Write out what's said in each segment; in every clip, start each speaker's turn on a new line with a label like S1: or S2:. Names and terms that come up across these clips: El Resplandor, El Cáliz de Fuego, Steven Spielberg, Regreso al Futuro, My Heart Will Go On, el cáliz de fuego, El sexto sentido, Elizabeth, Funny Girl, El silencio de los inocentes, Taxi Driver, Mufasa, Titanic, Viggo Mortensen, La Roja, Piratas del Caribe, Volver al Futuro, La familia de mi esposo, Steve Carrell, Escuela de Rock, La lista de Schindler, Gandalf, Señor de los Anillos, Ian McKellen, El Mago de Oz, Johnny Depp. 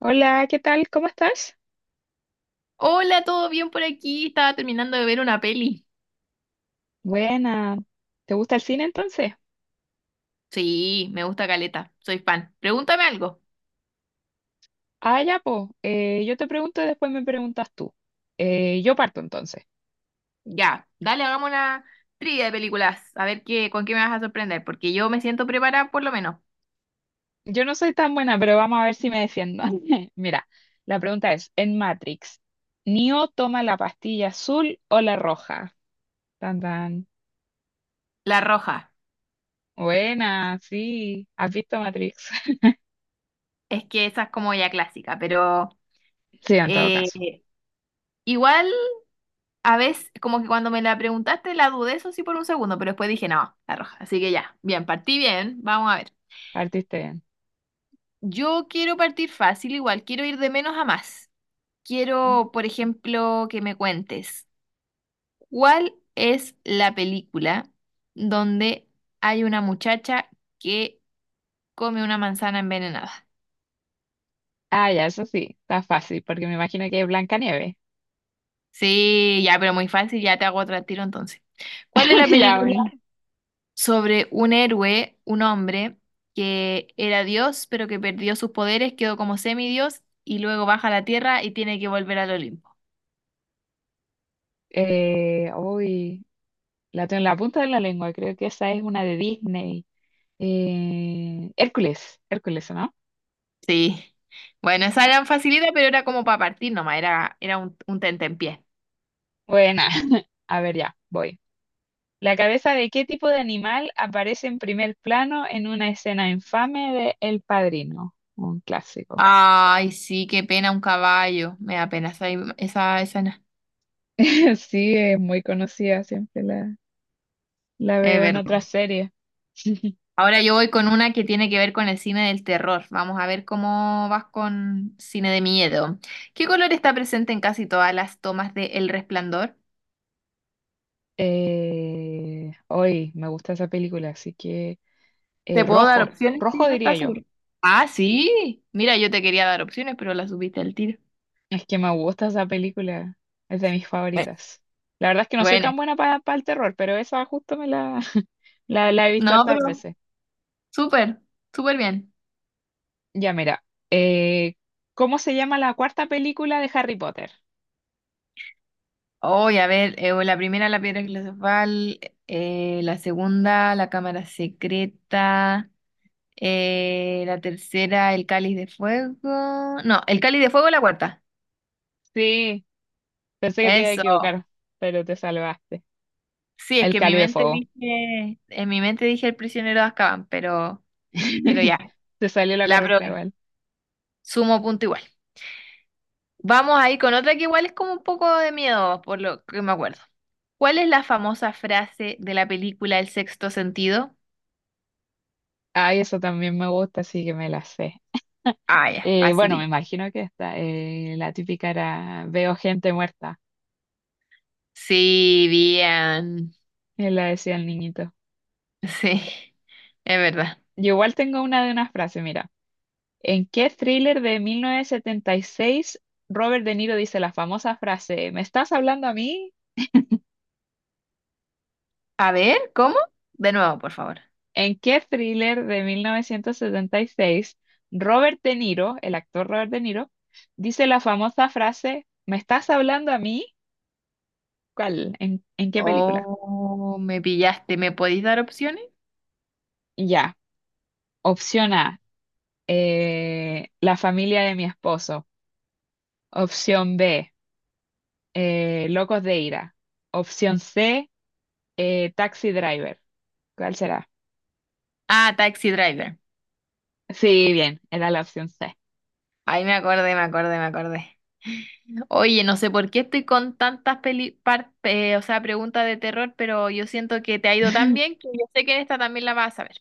S1: Hola, ¿qué tal? ¿Cómo estás?
S2: Hola, ¿todo bien por aquí? Estaba terminando de ver una peli.
S1: Buena. ¿Te gusta el cine entonces?
S2: Sí, me gusta Caleta, soy fan. Pregúntame algo.
S1: Ah, ya, pues. Yo te pregunto y después me preguntas tú. Yo parto entonces.
S2: Ya, dale, hagamos una trivia de películas. A ver qué, con qué me vas a sorprender, porque yo me siento preparada por lo menos.
S1: Yo no soy tan buena, pero vamos a ver si me defiendo. Mira, la pregunta es, en Matrix, ¿Neo toma la pastilla azul o la roja? Tan, tan.
S2: La Roja,
S1: Buena, sí. ¿Has visto Matrix?
S2: es que esa es como ya clásica, pero
S1: Sí, en todo
S2: eh,
S1: caso.
S2: igual a veces, como que cuando me la preguntaste la dudé, eso sí, por un segundo, pero después dije, no, La Roja. Así que ya, bien, partí bien, vamos a ver.
S1: Partiste bien.
S2: Yo quiero partir fácil, igual quiero ir de menos a más. Quiero, por ejemplo, que me cuentes, ¿cuál es la película donde hay una muchacha que come una manzana envenenada?
S1: Ah, ya, eso sí. Está fácil, porque me imagino que es Blancanieves.
S2: Sí, ya, pero muy fácil, ya te hago otro al tiro entonces. ¿Cuál es la
S1: Ya,
S2: película
S1: bueno.
S2: sobre un héroe, un hombre que era Dios, pero que perdió sus poderes, quedó como semidios y luego baja a la tierra y tiene que volver al Olimpo?
S1: Uy, la tengo en la punta de la lengua, creo que esa es una de Disney. Hércules, Hércules, ¿no?
S2: Sí. Bueno, esa era facilidad, pero era como para partir nomás, era un tentempié.
S1: Buena. A ver, ya, voy. ¿La cabeza de qué tipo de animal aparece en primer plano en una escena infame de El Padrino? Un clásico.
S2: Ay, sí, qué pena un caballo. Me da pena esa, esa escena.
S1: Sí, es muy conocida, siempre la
S2: Es
S1: veo en
S2: verdad.
S1: otras series.
S2: Ahora yo voy con una que tiene que ver con el cine del terror. Vamos a ver cómo vas con cine de miedo. ¿Qué color está presente en casi todas las tomas de El Resplandor?
S1: Hoy me gusta esa película, así que
S2: ¿Te puedo dar
S1: rojo,
S2: opciones si
S1: rojo
S2: no
S1: diría
S2: estás
S1: yo.
S2: seguro? Ah, sí. Mira, yo te quería dar opciones, pero las subiste al tiro.
S1: Es que me gusta esa película, es de mis
S2: Eh,
S1: favoritas. La verdad es que no soy
S2: Bueno,
S1: tan buena para el terror, pero esa justo me la, la he visto
S2: no,
S1: hartas
S2: pero
S1: veces.
S2: súper, súper bien.
S1: Ya, mira, eh, ¿cómo se llama la cuarta película de Harry Potter?
S2: Oye, a ver, la primera la piedra filosofal, la segunda la cámara secreta, la tercera el cáliz de fuego. No, el cáliz de fuego es la cuarta.
S1: Sí, pensé que te iba a
S2: Eso.
S1: equivocar, pero te salvaste.
S2: Sí, es
S1: El
S2: que en mi
S1: Cáliz de
S2: mente
S1: Fuego.
S2: dije, en mi mente dije el prisionero de Azkaban, pero ya,
S1: Te salió la
S2: la
S1: correcta
S2: probé.
S1: igual.
S2: Sumo punto igual. Vamos ahí con otra que igual es como un poco de miedo, por lo que me acuerdo. ¿Cuál es la famosa frase de la película El sexto sentido?
S1: Ay, eso también me gusta, así que me la sé.
S2: Ah, ya,
S1: Bueno, me
S2: fácil.
S1: imagino que esta, la típica era veo gente muerta,
S2: Sí, bien.
S1: él la decía el niñito.
S2: Sí, es verdad.
S1: Yo igual tengo una de una frase, mira. ¿En qué thriller de 1976 Robert De Niro dice la famosa frase, me estás hablando a mí?
S2: A ver, ¿cómo? De nuevo, por favor.
S1: ¿En qué thriller de 1976 Robert De Niro, el actor Robert De Niro, dice la famosa frase, me estás hablando a mí? ¿Cuál? ¿En qué película?
S2: Oh, me pillaste. ¿Me podéis dar opciones?
S1: Ya. Opción A, La familia de mi esposo. Opción B, Locos de ira. Opción C, Taxi Driver. ¿Cuál será?
S2: Ah, Taxi Driver.
S1: Sí, bien, era la opción C.
S2: Ahí me acordé, me acordé, me acordé. Oye, no sé por qué estoy con tantas o sea, preguntas de terror, pero yo siento que te ha ido tan bien que yo sé que en esta también la vas a ver.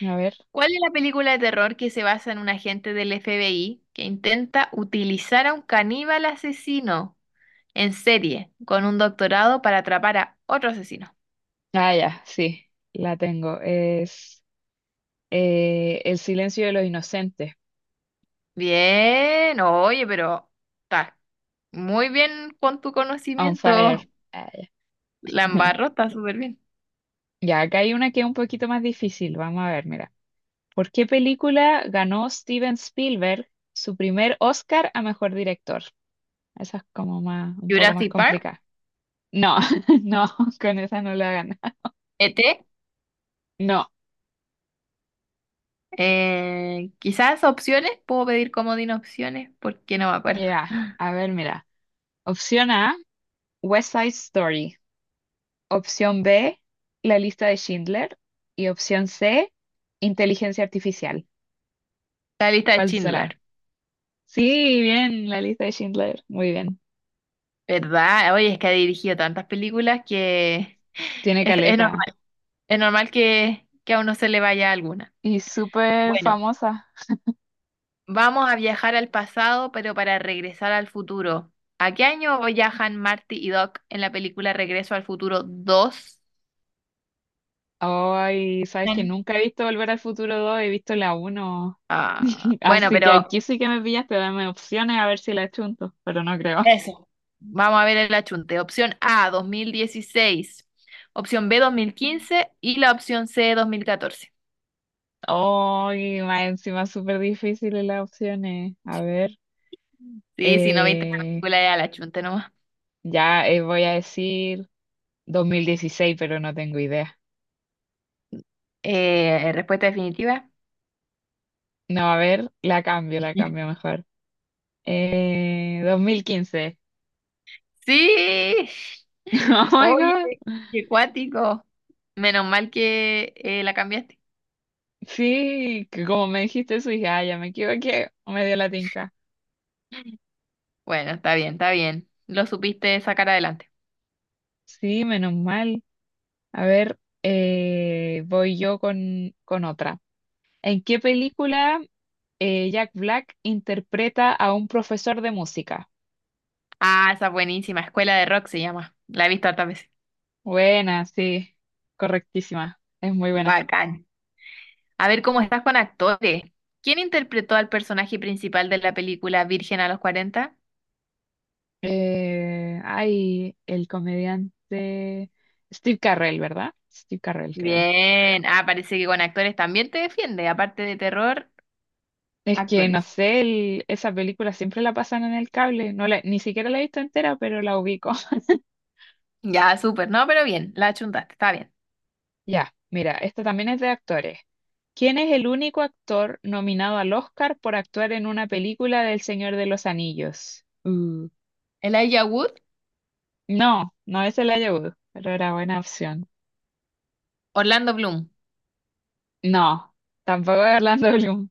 S1: A ver.
S2: ¿Cuál es la película de terror que se basa en un agente del FBI que intenta utilizar a un caníbal asesino en serie, con un doctorado para atrapar a otro asesino?
S1: Ah, ya, sí, la tengo. Es El silencio de los inocentes.
S2: Bien, oye, pero estás muy bien con tu
S1: On fire.
S2: conocimiento,
S1: Ah, ya.
S2: Lambarro, está súper bien.
S1: Ya, acá hay una que es un poquito más difícil. Vamos a ver, mira. ¿Por qué película ganó Steven Spielberg su primer Oscar a mejor director? Esa es como más, un poco más
S2: Jurassic Park,
S1: complicada. No, no, con esa no la gana.
S2: ET,
S1: No,
S2: quizás opciones, puedo pedir comodín opciones, porque no me acuerdo.
S1: ya. A ver, mira. Opción A. West Side Story. Opción B, La lista de Schindler. Y opción C, Inteligencia Artificial.
S2: La lista de
S1: ¿Cuál será?
S2: Schindler,
S1: Sí, bien, La lista de Schindler. Muy bien.
S2: ¿verdad? Oye, es que ha dirigido tantas películas que
S1: Tiene
S2: es, es
S1: caleta.
S2: normal, es normal que a uno se le vaya alguna.
S1: Y súper
S2: Bueno,
S1: famosa.
S2: vamos a viajar al pasado, pero para regresar al futuro. ¿A qué año viajan Marty y Doc en la película Regreso al Futuro dos?
S1: Ay, sabes que
S2: Bien,
S1: nunca he visto Volver al Futuro 2, he visto la uno.
S2: ah, bueno,
S1: Así que
S2: pero
S1: aquí sí que me pillaste, dame opciones a ver si la chunto, pero no creo.
S2: eso. Vamos a ver el achunte. Opción A, 2016. Opción B, 2015. Y la opción C, 2014.
S1: Ay, más encima súper difíciles las opciones. A ver.
S2: Sí, si no viste la
S1: eh,
S2: película, ya la achunte nomás.
S1: Ya Voy a decir 2016 pero no tengo idea.
S2: Respuesta definitiva.
S1: No, a ver, la cambio mejor. 2015.
S2: Sí,
S1: Oh my
S2: oye,
S1: God.
S2: qué cuático. Menos mal que la cambiaste.
S1: Sí, que como me dijiste eso, dije, ah, ya me equivoqué, me dio la tinca.
S2: Bueno, está bien, está bien. Lo supiste sacar adelante.
S1: Sí, menos mal. A ver, voy yo con otra. ¿En qué película Jack Black interpreta a un profesor de música?
S2: Ah, esa buenísima. Escuela de Rock se llama. La he visto hartas veces.
S1: Buena, sí, correctísima, es muy buena.
S2: Bacán. A ver cómo estás con actores. ¿Quién interpretó al personaje principal de la película Virgen a los cuarenta?
S1: Ay, el comediante Steve Carrell, ¿verdad? Steve Carrell, creo.
S2: Bien. Ah, parece que con actores también te defiende. Aparte de terror,
S1: Es que no
S2: actores.
S1: sé, esa película siempre la pasan en el cable. No ni siquiera la he visto entera, pero la ubico.
S2: Ya, súper. No, pero bien. La achuntaste. Está bien.
S1: Ya, mira, esta también es de actores. ¿Quién es el único actor nominado al Oscar por actuar en una película del Señor de los Anillos?
S2: Elijah Wood,
S1: No, no es el Wood, pero era buena opción.
S2: Orlando Bloom.
S1: No, tampoco es Orlando Bloom.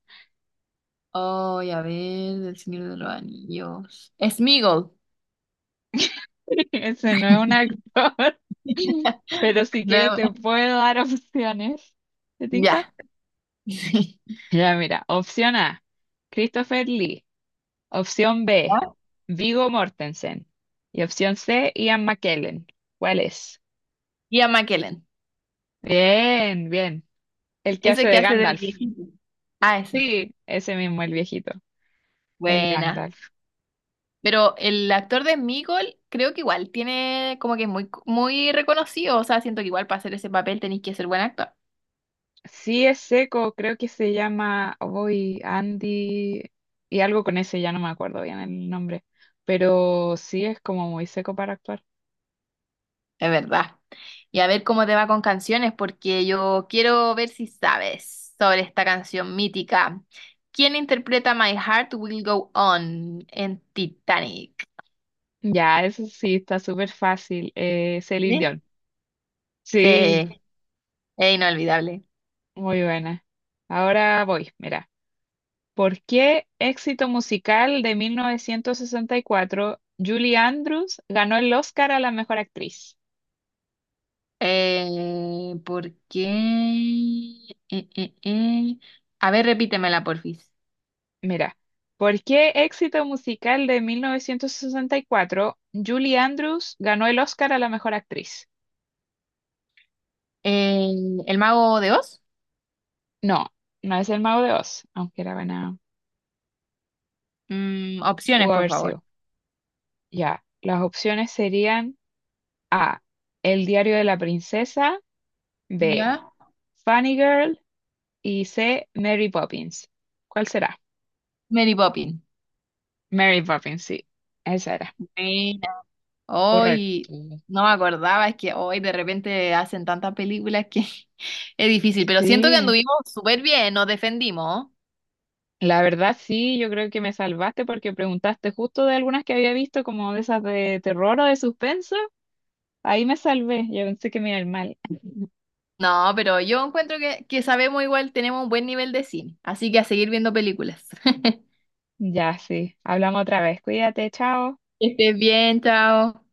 S2: Oh, a ver, del Señor de los Anillos. Sméagol.
S1: Ese no es un actor. Pero si quieres
S2: No,
S1: te puedo dar opciones. ¿Te
S2: ya.
S1: tinca? Ya, mira. Opción A, Christopher Lee. Opción B,
S2: ¿Ah?
S1: Viggo Mortensen. Y opción C, Ian McKellen. ¿Cuál es?
S2: Y a McKellen.
S1: Bien, bien. El que
S2: Ese
S1: hace
S2: que
S1: de
S2: hace del
S1: Gandalf.
S2: viejito. Ah, ese.
S1: Sí, ese mismo, el viejito. El
S2: Buena.
S1: Gandalf.
S2: Pero el actor de Meagle creo que igual tiene como que es muy, muy reconocido. O sea, siento que igual para hacer ese papel tenéis que ser buen actor.
S1: Sí, es seco, creo que se llama Voy Andy y algo con ese, ya no me acuerdo bien el nombre, pero sí es como muy seco para actuar.
S2: Es verdad. Y a ver cómo te va con canciones, porque yo quiero ver si sabes sobre esta canción mítica. ¿Quién interpreta My Heart Will Go On en Titanic?
S1: Ya, eso sí, está súper fácil. Celine
S2: ¿Eh?
S1: Dion.
S2: Sí,
S1: Sí,
S2: es inolvidable.
S1: muy buena. Ahora voy, mira. ¿Por qué éxito musical de 1964 Julie Andrews ganó el Oscar a la mejor actriz?
S2: ¿Por qué? Eh, eh, eh. A ver, repítemela, porfis.
S1: Mira, ¿por qué éxito musical de 1964 Julie Andrews ganó el Oscar a la mejor actriz?
S2: Eh, ¿El mago de Oz?
S1: No, no es El Mago de Oz, aunque era buena,
S2: Mm,
S1: pudo
S2: opciones, por
S1: haber
S2: favor.
S1: sido. Ya, las opciones serían A, El diario de la princesa, B,
S2: ¿Ya?
S1: Funny Girl y C, Mary Poppins. ¿Cuál será?
S2: Mary Poppins.
S1: Mary Poppins, sí, esa era.
S2: Buena.
S1: Correcto.
S2: Hoy no me acordaba, es que hoy de repente hacen tantas películas que es difícil, pero siento que
S1: Sí,
S2: anduvimos súper bien, nos defendimos.
S1: la verdad sí, yo creo que me salvaste porque preguntaste justo de algunas que había visto, como de esas de terror o de suspenso. Ahí me salvé, yo pensé que me iba a ir mal.
S2: No, pero yo encuentro que sabemos igual, tenemos un buen nivel de cine, así que a seguir viendo películas.
S1: Ya, sí, hablamos otra vez, cuídate, chao.
S2: Que estés bien, chao.